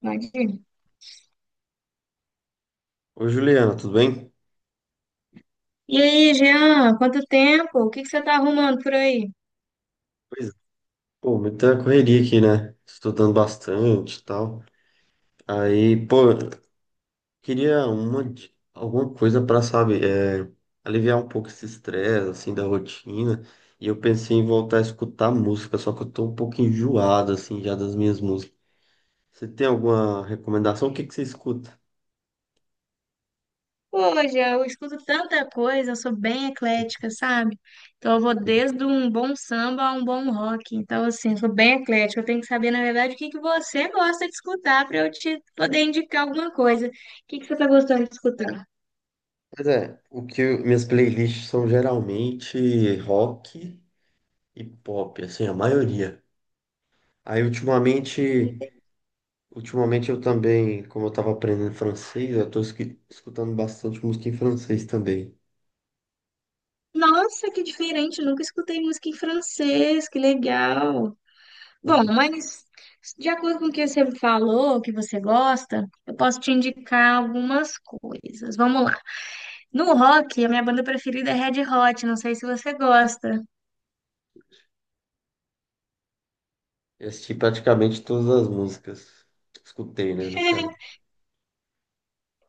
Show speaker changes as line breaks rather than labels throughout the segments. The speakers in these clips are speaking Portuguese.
Imagina.
Ô, Juliana, tudo bem?
E aí, Jean, quanto tempo? O que que você tá arrumando por aí?
Pois é. Pô, muita correria aqui, né? Estudando bastante e tal. Aí, pô, queria alguma coisa pra, sabe, aliviar um pouco esse estresse, assim, da rotina. E eu pensei em voltar a escutar música, só que eu tô um pouco enjoado, assim, já das minhas músicas. Você tem alguma recomendação? O que que você escuta?
Pô, Jean, eu escuto tanta coisa, eu sou bem eclética, sabe? Então eu vou
Sim.
desde um bom samba a um bom rock. Então, assim, eu sou bem eclética. Eu tenho que saber, na verdade, o que que você gosta de escutar para eu te poder indicar alguma coisa. O que que você tá gostando de escutar?
Pois é, minhas playlists são geralmente rock e pop, assim, a maioria. Aí, ultimamente. Ultimamente eu também, como eu estava aprendendo francês, eu estou escutando bastante música em francês também.
Nossa, que diferente! Nunca escutei música em francês, que legal! Bom, mas de acordo com o que você falou, que você gosta, eu posso te indicar algumas coisas. Vamos lá. No rock, a minha banda preferida é Red Hot, não sei se você gosta.
Eu assisti praticamente todas as músicas. Escutei, né, no caso.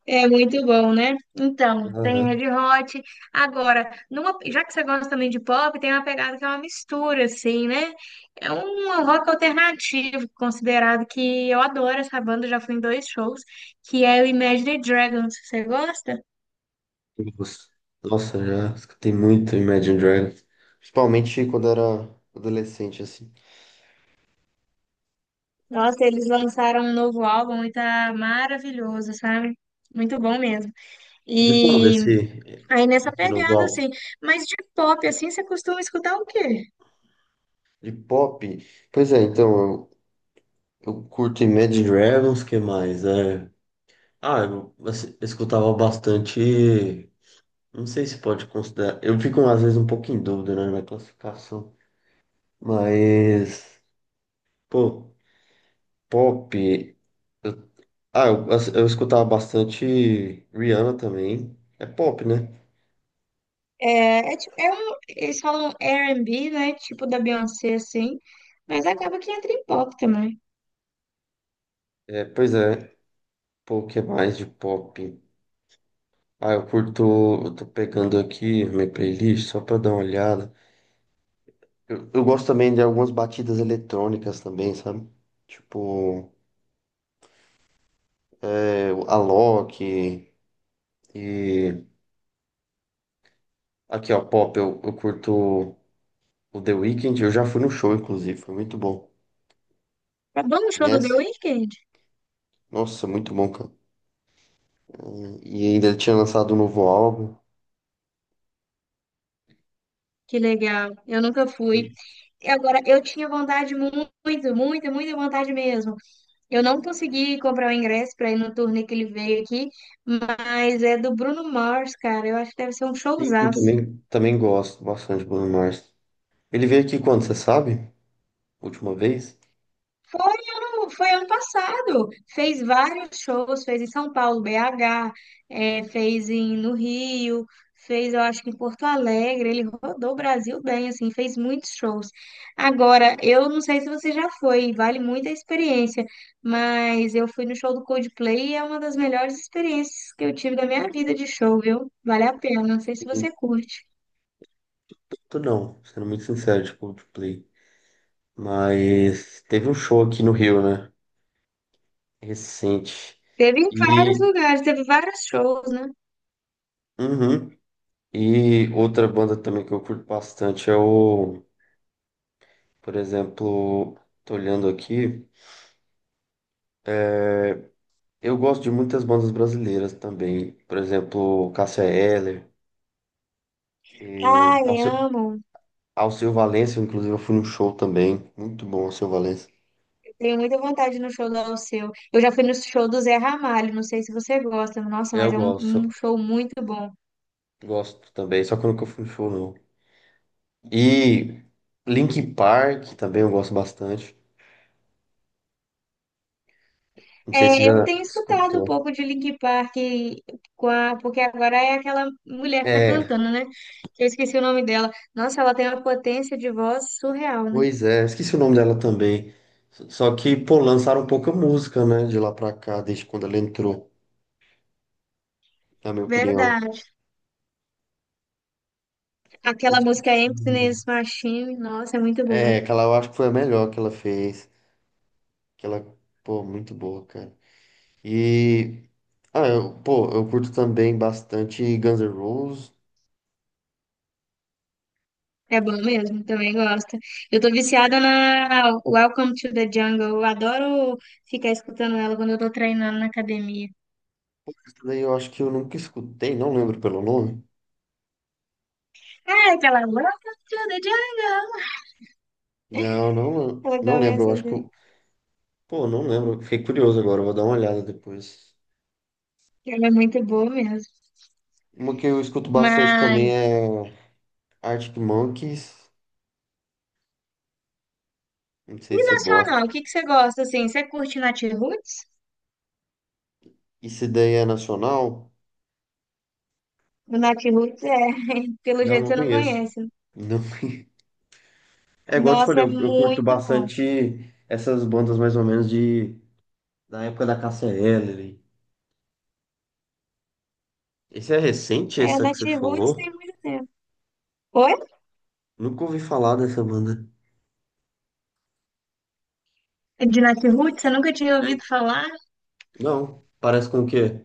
É muito bom, né? Então, tem
Aham.
Red Hot. Agora, já que você gosta também de pop, tem uma pegada que é uma mistura, assim, né? É um rock alternativo, considerado que eu adoro essa banda, já fui em dois shows, que é o Imagine Dragons. Você gosta?
Nossa, Nossa, já escutei muito Imagine Dragons. Principalmente quando era adolescente, assim.
Nossa, eles lançaram um novo álbum e tá maravilhoso, sabe? Muito bom mesmo.
De quando
E
esse,
aí nessa
esse novo
pegada,
álbum?
assim, mas de pop, assim, você costuma escutar o quê?
De pop? Pois é, então, eu curto Imagine Dragons, que mais? Ah, eu assim, escutava bastante. Não sei se pode considerar. Eu fico às vezes um pouco em dúvida, né, na classificação. Mas, pô, pop. eu- eu, assim, eu escutava bastante Rihanna também. É pop, né?
É, é, eles falam R&B, né? Tipo da Beyoncé, assim, mas acaba que entra em pop também.
É, pois é. Pô, o que mais de pop? Ah, eu curto. Eu tô pegando aqui minha playlist só pra dar uma olhada. Eu gosto também de algumas batidas eletrônicas também, sabe? Tipo, a Alok. E aqui, ó, pop, eu curto. O The Weeknd, eu já fui no show, inclusive, foi muito bom.
Vamos no show do The
Conhece?
Weeknd?
Nossa, muito bom, cara. E ainda ele tinha lançado um novo álbum.
Que legal, eu nunca fui.
E
E agora, eu tinha vontade, muito, muito, muita vontade mesmo. Eu não consegui comprar o ingresso para ir no turnê que ele veio aqui, mas é do Bruno Mars, cara. Eu acho que deve ser um
sim, eu
showzaço.
também gosto bastante do Bruno Mars. Ele veio aqui quando, você sabe? Última vez?
Foi ano passado. Fez vários shows, fez em São Paulo, BH, fez em, no Rio, fez, eu acho que em Porto Alegre. Ele rodou o Brasil bem, assim, fez muitos shows. Agora, eu não sei se você já foi, vale muito a experiência, mas eu fui no show do Coldplay e é uma das melhores experiências que eu tive da minha vida de show, viu? Vale a pena, não sei se você curte.
Muito não, sendo muito sincero, de Coldplay. Mas teve um show aqui no Rio, né? Recente.
Teve em
E,
vários lugares, teve vários shows, né?
uhum. E outra banda também que eu curto bastante é o, por exemplo, tô olhando aqui. é Eu gosto de muitas bandas brasileiras também, por exemplo, Cássia Eller,
Ai,
Alceu,
amo.
Alceu Valença, inclusive eu fui no show também, muito bom Alceu Valença.
Tenho muita vontade no show do Alceu. Eu já fui no show do Zé Ramalho, não sei se você gosta, nossa,
Eu
mas é um
gosto,
show muito bom.
gosto também, só que eu nunca fui no show não. E Linkin Park também eu gosto bastante, não sei se
É, eu
já
tenho escutado um
escutou.
pouco de Linkin Park, porque agora é aquela mulher que tá
É,
cantando, né? Eu esqueci o nome dela. Nossa, ela tem uma potência de voz surreal, né?
pois é, esqueci o nome dela também, só que, pô, lançaram pouca música, né, de lá pra cá, desde quando ela entrou, na minha opinião.
Verdade.
Eu
Aquela
esqueci.
música
O
Emptiness Machine, nossa, é muito boa.
É, aquela eu acho que foi a melhor que ela fez. Aquela, pô, muito boa, cara. E, pô, eu curto também bastante Guns N' Roses.
É bom mesmo, também gosto. Eu tô viciada na Welcome to the Jungle. Eu adoro ficar escutando ela quando eu tô treinando na academia.
Isso daí eu acho que eu nunca escutei, não lembro pelo nome.
Ah, aquela Welcome to the Jungle.
Não, não,
Ela
não lembro, eu
começa
acho que
assim.
pô, não lembro. Fiquei curioso agora, eu vou dar uma olhada depois.
Ela é muito boa mesmo.
Uma que eu escuto bastante também
Mas,
é Arctic Monkeys. Não sei
e
se você gosta.
nacional, o que que você gosta, assim? Você curte Nath Roots?
Isso daí é nacional?
O Nath Roots é, pelo
Não,
jeito
não
você não
conheço.
conhece.
Não É igual eu te
Nossa,
falei,
é
eu curto
muito bom.
bastante essas bandas mais ou menos de da época da KCL. Esse é recente,
É,
essa que
Nath
você
Roots tem
falou?
muito tempo. Oi?
Nunca ouvi falar dessa banda.
De Nath Roots, você nunca tinha ouvido falar?
Não, parece com o quê?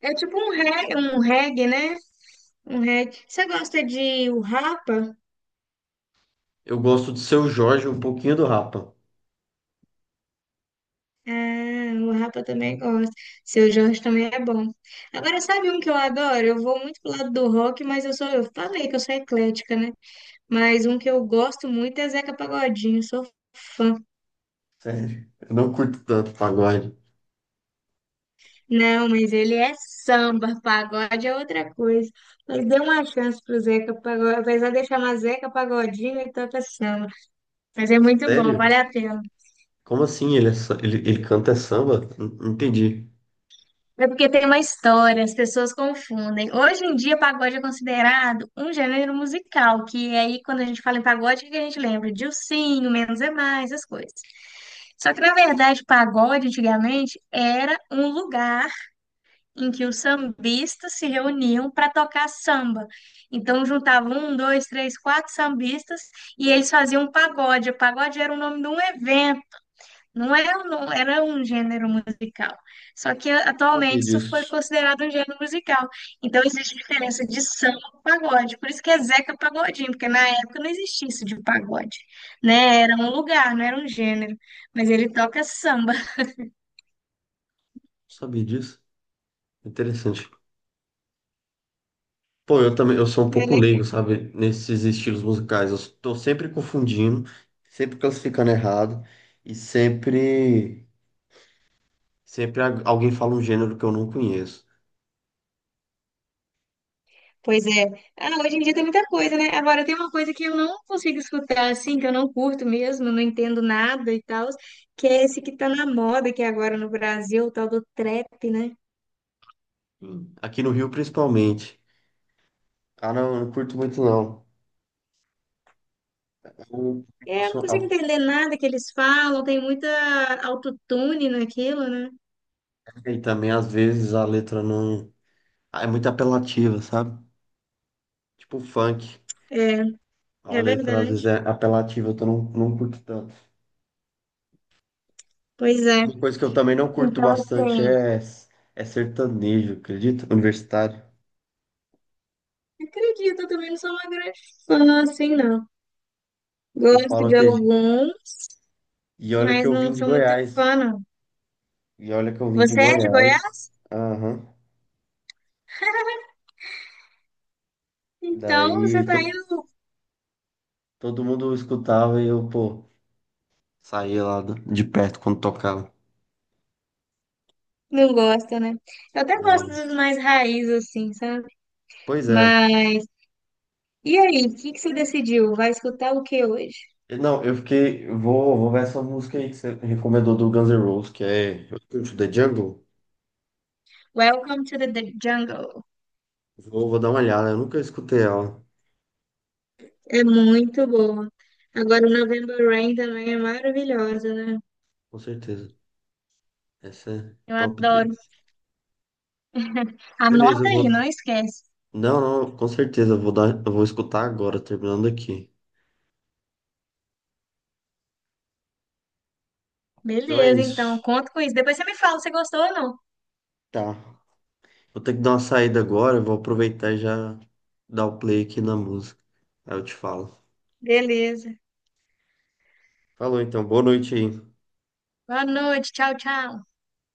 É tipo um reggae, né? Um reggae. Você gosta de o Rapa?
Eu gosto do Seu Jorge, um pouquinho do Rapa.
Ah, o Rapa também gosta. Seu Jorge também é bom. Agora, sabe um que eu adoro? Eu vou muito pro lado do rock, mas eu sou, eu falei que eu sou eclética, né? Mas um que eu gosto muito é Zeca Pagodinho, sou fã.
Sério, eu não curto tanto pagode.
Não, mas ele é samba, pagode é outra coisa. Mas dê uma chance pro Zeca Pagodinho, apesar de chamar Zeca Pagodinho, ele toca samba. Mas é muito bom,
Sério?
vale a pena.
Como assim? Ele, é sa- ele canta samba? Não não entendi.
É porque tem uma história, as pessoas confundem. Hoje em dia, pagode é considerado um gênero musical, que é aí, quando a gente fala em pagode, o que a gente lembra? De ursinho, menos é mais, essas coisas. Só que, na verdade, pagode, antigamente, era um lugar em que os sambistas se reuniam para tocar samba. Então, juntavam um, dois, três, quatro sambistas e eles faziam um pagode. O pagode era o nome de um evento, não era, não era um gênero musical. Só que
Sabia
atualmente isso foi
disso.
considerado um gênero musical. Então existe diferença de samba e pagode. Por isso que é Zeca Pagodinho, porque na época não existia isso de pagode, né? Era um lugar, não era um gênero. Mas ele toca samba.
Sabia disso? Interessante. Pô, eu também, eu sou um
É
pouco leigo,
legal.
sabe? Nesses estilos musicais. Eu tô sempre confundindo, sempre classificando errado e sempre, alguém fala um gênero que eu não conheço.
Pois é. Ah, hoje em dia tem muita coisa, né? Agora tem uma coisa que eu não consigo escutar assim, que eu não curto mesmo, não entendo nada e tal, que é esse que tá na moda aqui agora no Brasil, o tal do trap, né?
Aqui no Rio, principalmente. Ah, não, eu não curto muito, não. Eu
É, eu
faço
não consigo
a-
entender nada que eles falam, tem muita autotune naquilo, né?
e também, às vezes, a letra não. É muito apelativa, sabe? Tipo funk.
É,
A
é
letra, às
verdade.
vezes, é apelativa, então eu não, não curto tanto.
Pois é.
Uma coisa que eu também não curto
Então,
bastante
assim,
é, sertanejo, acredito? Universitário.
acredito, eu também não sou uma grande fã, assim, não.
Eu
Gosto
falo,
de
acredito.
alguns,
E olha que
mas
eu vim
não
de
sou muito
Goiás.
fã, não.
E olha que eu vim de
Você é de
Goiás.
Goiás?
Aham.
Então você
Daí,
tá indo.
todo mundo escutava e eu, pô... Saía lá de perto quando tocava.
Não gosta, né? Eu até
Da
gosto
hora.
dos mais raiz, assim, sabe?
Pois é.
Mas. E aí, o que que você decidiu? Vai escutar o que hoje?
Não, eu fiquei. Vou ver essa música aí que você recomendou do Guns N' Roses, que é Welcome to the Jungle.
Welcome to the jungle.
Vou dar uma olhada. Eu nunca escutei ela.
É muito boa. Agora, o November Rain também é maravilhosa, né?
Com certeza. Essa é
Eu
top
adoro.
deles. Beleza,
Anota
eu
aí, não
vou.
esquece.
Não, não, com certeza. Eu vou escutar agora, terminando aqui. Então é
Beleza, então,
isso.
conto com isso. Depois você me fala se gostou ou não.
Tá. Vou ter que dar uma saída agora. Vou aproveitar e já dar o play aqui na música. Aí eu te falo.
Beleza.
Falou então. Boa noite aí.
Boa noite. Tchau, tchau.